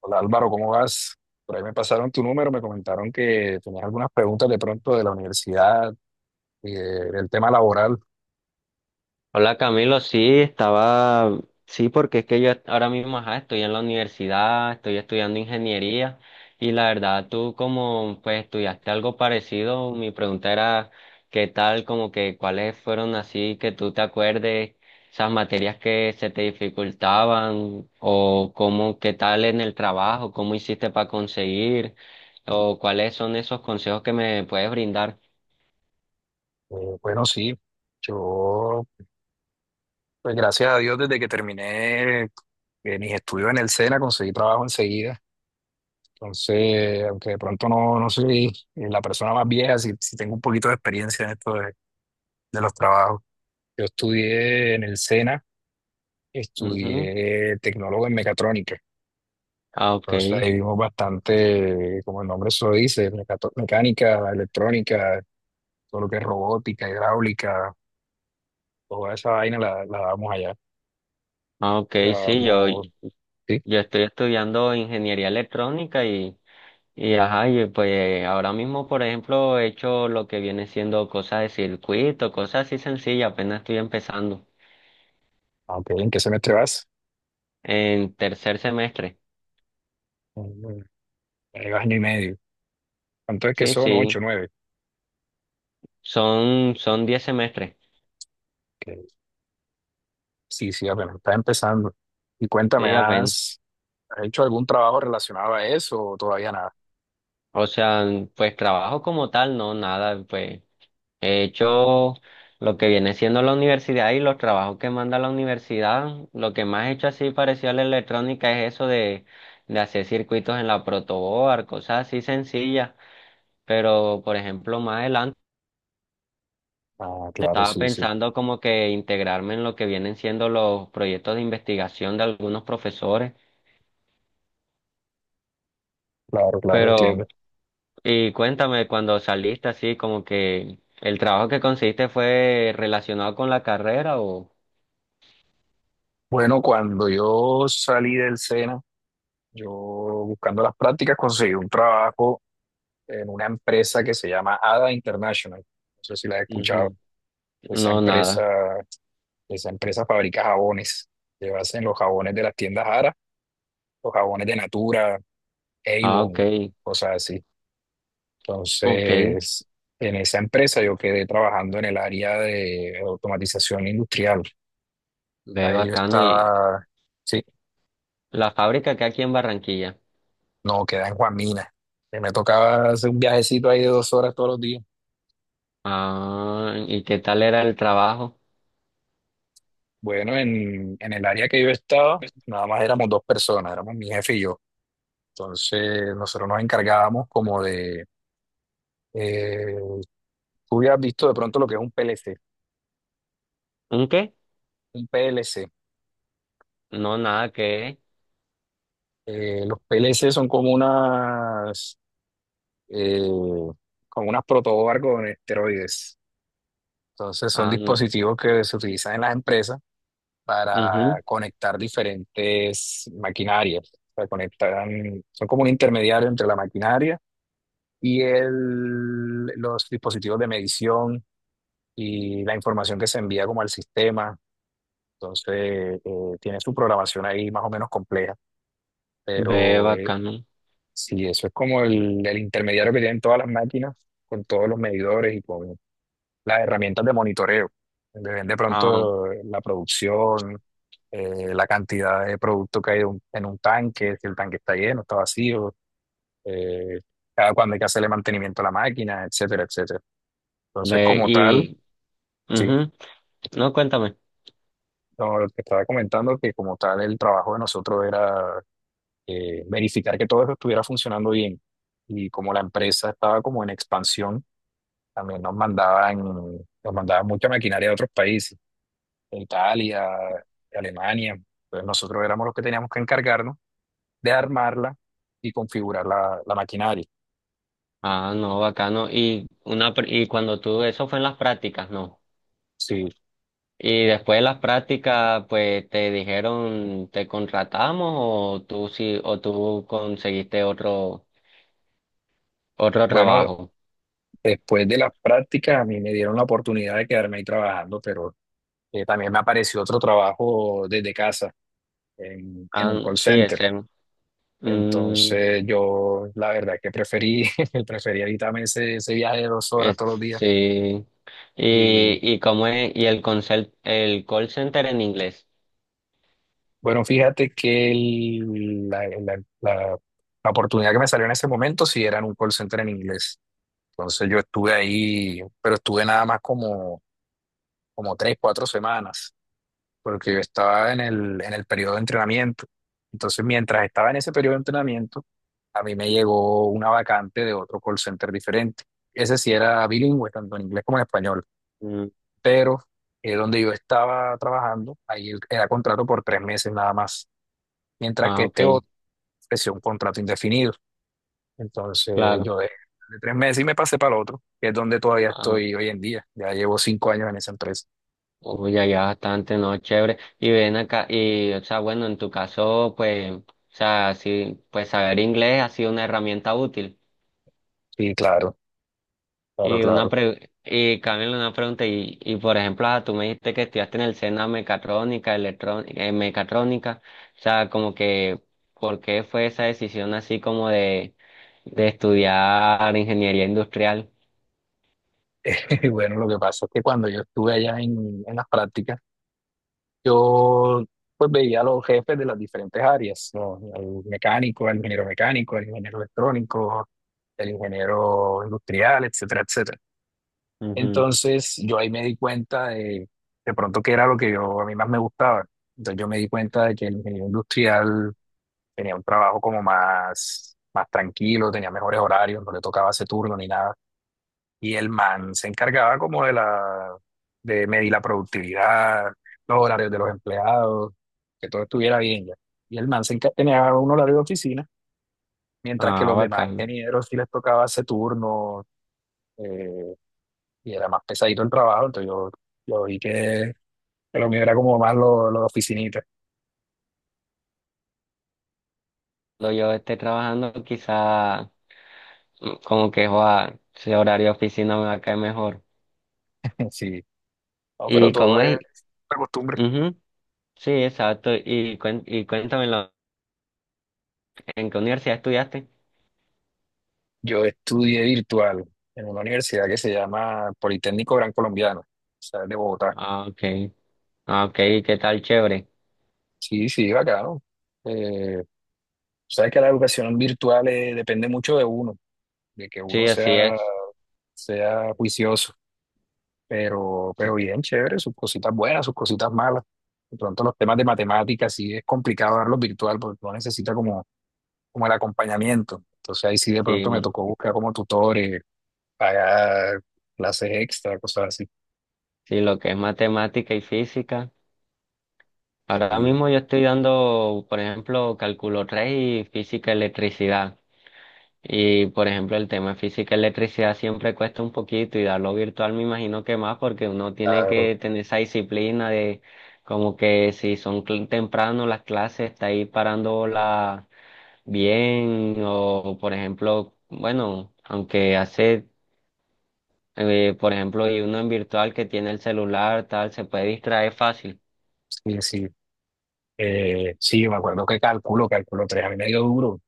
Hola Álvaro, ¿cómo vas? Por ahí me pasaron tu número, me comentaron que tenías algunas preguntas de pronto de la universidad, del tema laboral. Hola Camilo, sí, estaba, sí, porque es que yo ahora mismo ajá, estoy en la universidad, estoy estudiando ingeniería y la verdad tú como pues estudiaste algo parecido, mi pregunta era qué tal, como que cuáles fueron así que tú te acuerdes, esas materias que se te dificultaban o cómo, qué tal en el trabajo, cómo hiciste para conseguir o cuáles son esos consejos que me puedes brindar. Bueno, sí, yo, pues gracias a Dios, desde que terminé mis estudios en el SENA, conseguí trabajo enseguida. Entonces, aunque de pronto no soy la persona más vieja, sí, sí tengo un poquito de experiencia en esto de los trabajos. Yo estudié en el SENA, Ujú. estudié tecnólogo en mecatrónica. Ah, ok. Entonces ahí vimos bastante, como el nombre se lo dice, mecánica, electrónica, todo lo que es robótica, hidráulica, toda esa vaina la damos allá. Ah, ok, La sí, yo, damos, sí. Yo estoy estudiando ingeniería electrónica y ajá, y pues ahora mismo, por ejemplo, he hecho lo que viene siendo cosas de circuito, cosas así sencillas, apenas estoy empezando Aunque, ¿en qué semestre vas? en tercer semestre. Mm, año y medio. ¿Cuánto es que Sí, son? sí, Ocho, nueve. son diez semestres. Que, sí, sí, apenas está empezando. Y cuéntame, Sí, apenas. Has hecho algún trabajo relacionado a eso o todavía nada? O sea, pues trabajo como tal, no, nada, pues he hecho lo que viene siendo la universidad y los trabajos que manda la universidad. Lo que más he hecho así parecido a la electrónica es eso de hacer circuitos en la protoboard, cosas así sencillas. Pero, por ejemplo, más adelante Ah, claro, estaba sí, sí. pensando como que integrarme en lo que vienen siendo los proyectos de investigación de algunos profesores. Claro, claro, Pero, entiendo. y cuéntame, cuando saliste así, como que el trabajo que conseguiste fue relacionado con la carrera o Bueno, cuando yo salí del SENA, yo buscando las prácticas conseguí un trabajo en una empresa que se llama ADA International. No sé si la has escuchado. Ujú. Esa No, empresa, nada. esa empresa fabrica jabones. Ellos hacen los jabones de las tiendas Ara, los jabones de Natura, Ah, Avon, ok, cosas así. ok, Entonces, en esa empresa yo quedé trabajando en el área de automatización industrial. ve Ahí yo bacano. ¿Y estaba, sí, la fábrica que aquí en Barranquilla? no, quedé en Juan Mina. Y me tocaba hacer un viajecito ahí de 2 horas todos los días. Ah, ¿y qué tal era el trabajo? Bueno, en el área que yo estaba, nada más éramos 2 personas, éramos mi jefe y yo. Entonces, nosotros nos encargábamos como de... eh, tú hubieras visto de pronto lo que es un PLC. ¿Un qué? Un PLC. No, nada que. Los PLC son eh, como unas protoboard con esteroides. Entonces, son Ah, no. dispositivos que se utilizan en las empresas Mhm. para conectar diferentes maquinarias. O sea, conectan, son como un intermediario entre la maquinaria y los dispositivos de medición y la información que se envía como al sistema. Entonces, tiene su programación ahí más o menos compleja, Ve pero bacano. sí, eso es como el intermediario que tienen todas las máquinas con todos los medidores y con las herramientas de monitoreo, donde ven de Ah, pronto la producción, la cantidad de producto que hay en en un tanque, si el tanque está lleno, está vacío, eh, cada cuándo hay que hacerle mantenimiento a la máquina, etcétera, etcétera. Entonces, ve como tal, y. sí, Mhm. No, cuéntame. no, lo que estaba comentando, que como tal el trabajo de nosotros era verificar que todo eso estuviera funcionando bien. Y como la empresa estaba como en expansión, también nos mandaban mucha maquinaria de otros países, de Italia, de Alemania. Entonces nosotros éramos los que teníamos que encargarnos de armarla y configurar la maquinaria. Ah, no, bacano. Y una pr- y cuando tú, eso fue en las prácticas, ¿no? Sí, Y después de las prácticas, pues te dijeron, ¿te contratamos o tú sí, o tú conseguiste otro, otro bueno, trabajo? después de las prácticas a mí me dieron la oportunidad de quedarme ahí trabajando, pero también me apareció otro trabajo desde casa en Ah, un call sí, center. extremo. Mm, Entonces yo la verdad que preferí, preferí evitarme ese viaje de 2 horas es- todos los días. sí. Y Y cómo es, y el consel- el call center en inglés. bueno, fíjate que la oportunidad que me salió en ese momento sí era en un call center en inglés. Entonces yo estuve ahí, pero estuve nada más como 3, 4 semanas, porque yo estaba en en el periodo de entrenamiento. Entonces, mientras estaba en ese periodo de entrenamiento, a mí me llegó una vacante de otro call center diferente. Ese sí era bilingüe, tanto en inglés como en español, Mm, pero donde yo estaba trabajando, era contrato por 3 meses nada más, mientras que ah, ok, este otro ofreció un contrato indefinido. Entonces, claro. yo dejé de 3 meses y me pasé para el otro, que es donde todavía Ah, estoy hoy en día. Ya llevo 5 años en esa empresa. uy, ya, ya bastante, no, chévere. Y ven acá, y, o sea, bueno, en tu caso, pues, o sea, sí, pues saber inglés ha sido una herramienta útil. Sí, claro, claro, Y una claro. pre y Camilo una pregunta, y por ejemplo, ah, tú me dijiste que estudiaste en el SENA mecatrónica, electrónica, mecatrónica, o sea, como que, ¿por qué fue esa decisión así como de estudiar ingeniería industrial? Bueno, lo que pasa es que cuando yo estuve allá en las prácticas, yo pues veía a los jefes de las diferentes áreas, ¿no? Al mecánico, al ingeniero electrónico, el ingeniero industrial, etcétera, etcétera. Ujú. Entonces yo ahí me di cuenta de pronto que era lo que yo a mí más me gustaba. Entonces yo me di cuenta de que el ingeniero industrial tenía un trabajo como más tranquilo, tenía mejores horarios, no le tocaba ese turno ni nada. Y el man se encargaba como de de medir la productividad, los horarios de los empleados, que todo estuviera bien ya. Y el tenía un horario de oficina, mientras que Ah, los demás bacán. ingenieros sí les tocaba ese turno, eh, y era más pesadito el trabajo, entonces yo vi que lo mío era como más lo de oficinita. Cuando yo esté trabajando, quizá mm, como que, joa, si horario de oficina me va a caer mejor. Sí, no, pero ¿Y todo cómo es es? una costumbre. Ujú. Sí, exacto. Y, cuen- y cuéntamelo, ¿en qué universidad estudiaste? Yo estudié virtual en una universidad que se llama Politécnico Gran Colombiano, o sea, es de Bogotá. Ah, ok. Ah, ok, ¿qué tal? Chévere. Sí, sí, bacano. Eh, sabes que la educación virtual depende mucho de uno, de que Sí, uno así es. sea juicioso, pero Sí, bien, chévere, sus cositas buenas, sus cositas malas. De pronto los temas de matemáticas sí es complicado darlos virtual porque uno necesita como el acompañamiento. Entonces ahí sí de sí, pronto me tocó buscar como tutores, pagar clases extra, cosas así. sí, lo que es matemática y física. Ahora Y, mismo yo estoy dando, por ejemplo, cálculo 3 y física electricidad. Y, por ejemplo, el tema de física electricidad siempre cuesta un poquito y darlo virtual me imagino que más porque uno tiene claro, que tener esa disciplina de como que si son cl- temprano las clases, está ahí parándola bien o, por ejemplo, bueno, aunque hace por ejemplo, y uno en virtual que tiene el celular, tal, se puede distraer fácil. sí, sí. Sí, me acuerdo que cálculo 3 a mí me dio duro,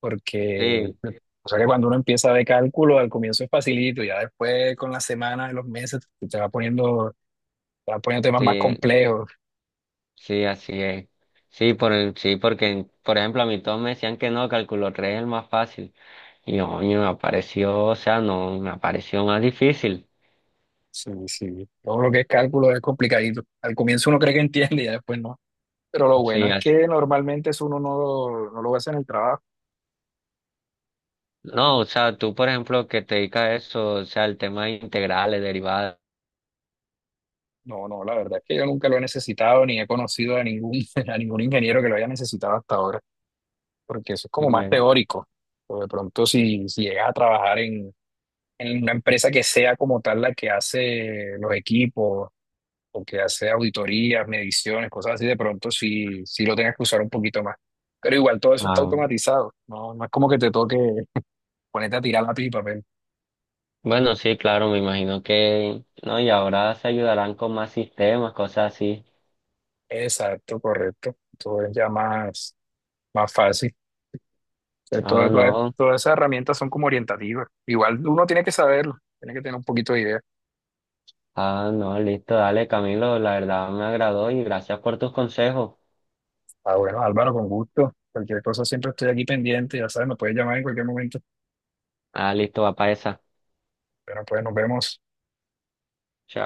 porque Sí, pues, o sea que cuando uno empieza de cálculo, al comienzo es facilito, ya después con las semanas, los meses, te va poniendo, te va poniendo temas sí, más complejos. sí, así es. Sí, por el, sí, porque, por ejemplo, a mí todos me decían que no, cálculo 3 es el más fácil. Y oye, me apareció, o sea, no, me apareció más difícil. Sí, sí, todo lo que es cálculo es complicadito. Al comienzo uno cree que entiende y ya después no. Pero lo bueno Sí, es as- que normalmente eso uno no lo hace en el trabajo. no, o sea, tú, por ejemplo, que te dedicas a eso, o sea, el tema de integrales, derivadas. No, no, la verdad es que yo nunca lo he necesitado ni he conocido a a ningún ingeniero que lo haya necesitado hasta ahora, porque eso es como más Me- teórico. O de pronto si llegas a trabajar en una empresa que sea como tal la que hace los equipos o que hace auditorías, mediciones, cosas así, de pronto sí, sí lo tengas que usar un poquito más. Pero igual todo eso está ah, automatizado, no es como que te toque ponerte a tirar lápiz y papel. bueno, sí, claro, me imagino que, no, y ahora se ayudarán con más sistemas, cosas así. Exacto, correcto. Todo es ya más fácil. O sea, Ah, no. todas esas herramientas son como orientativas. Igual uno tiene que saberlo, tiene que tener un poquito de idea. Ah, no, listo, dale, Camilo, la verdad me agradó y gracias por tus consejos. Ah, bueno, Álvaro, con gusto. Cualquier cosa siempre estoy aquí pendiente, ya sabes, me puedes llamar en cualquier momento. Ah, listo, va para esa. Pero pues nos vemos. Chao.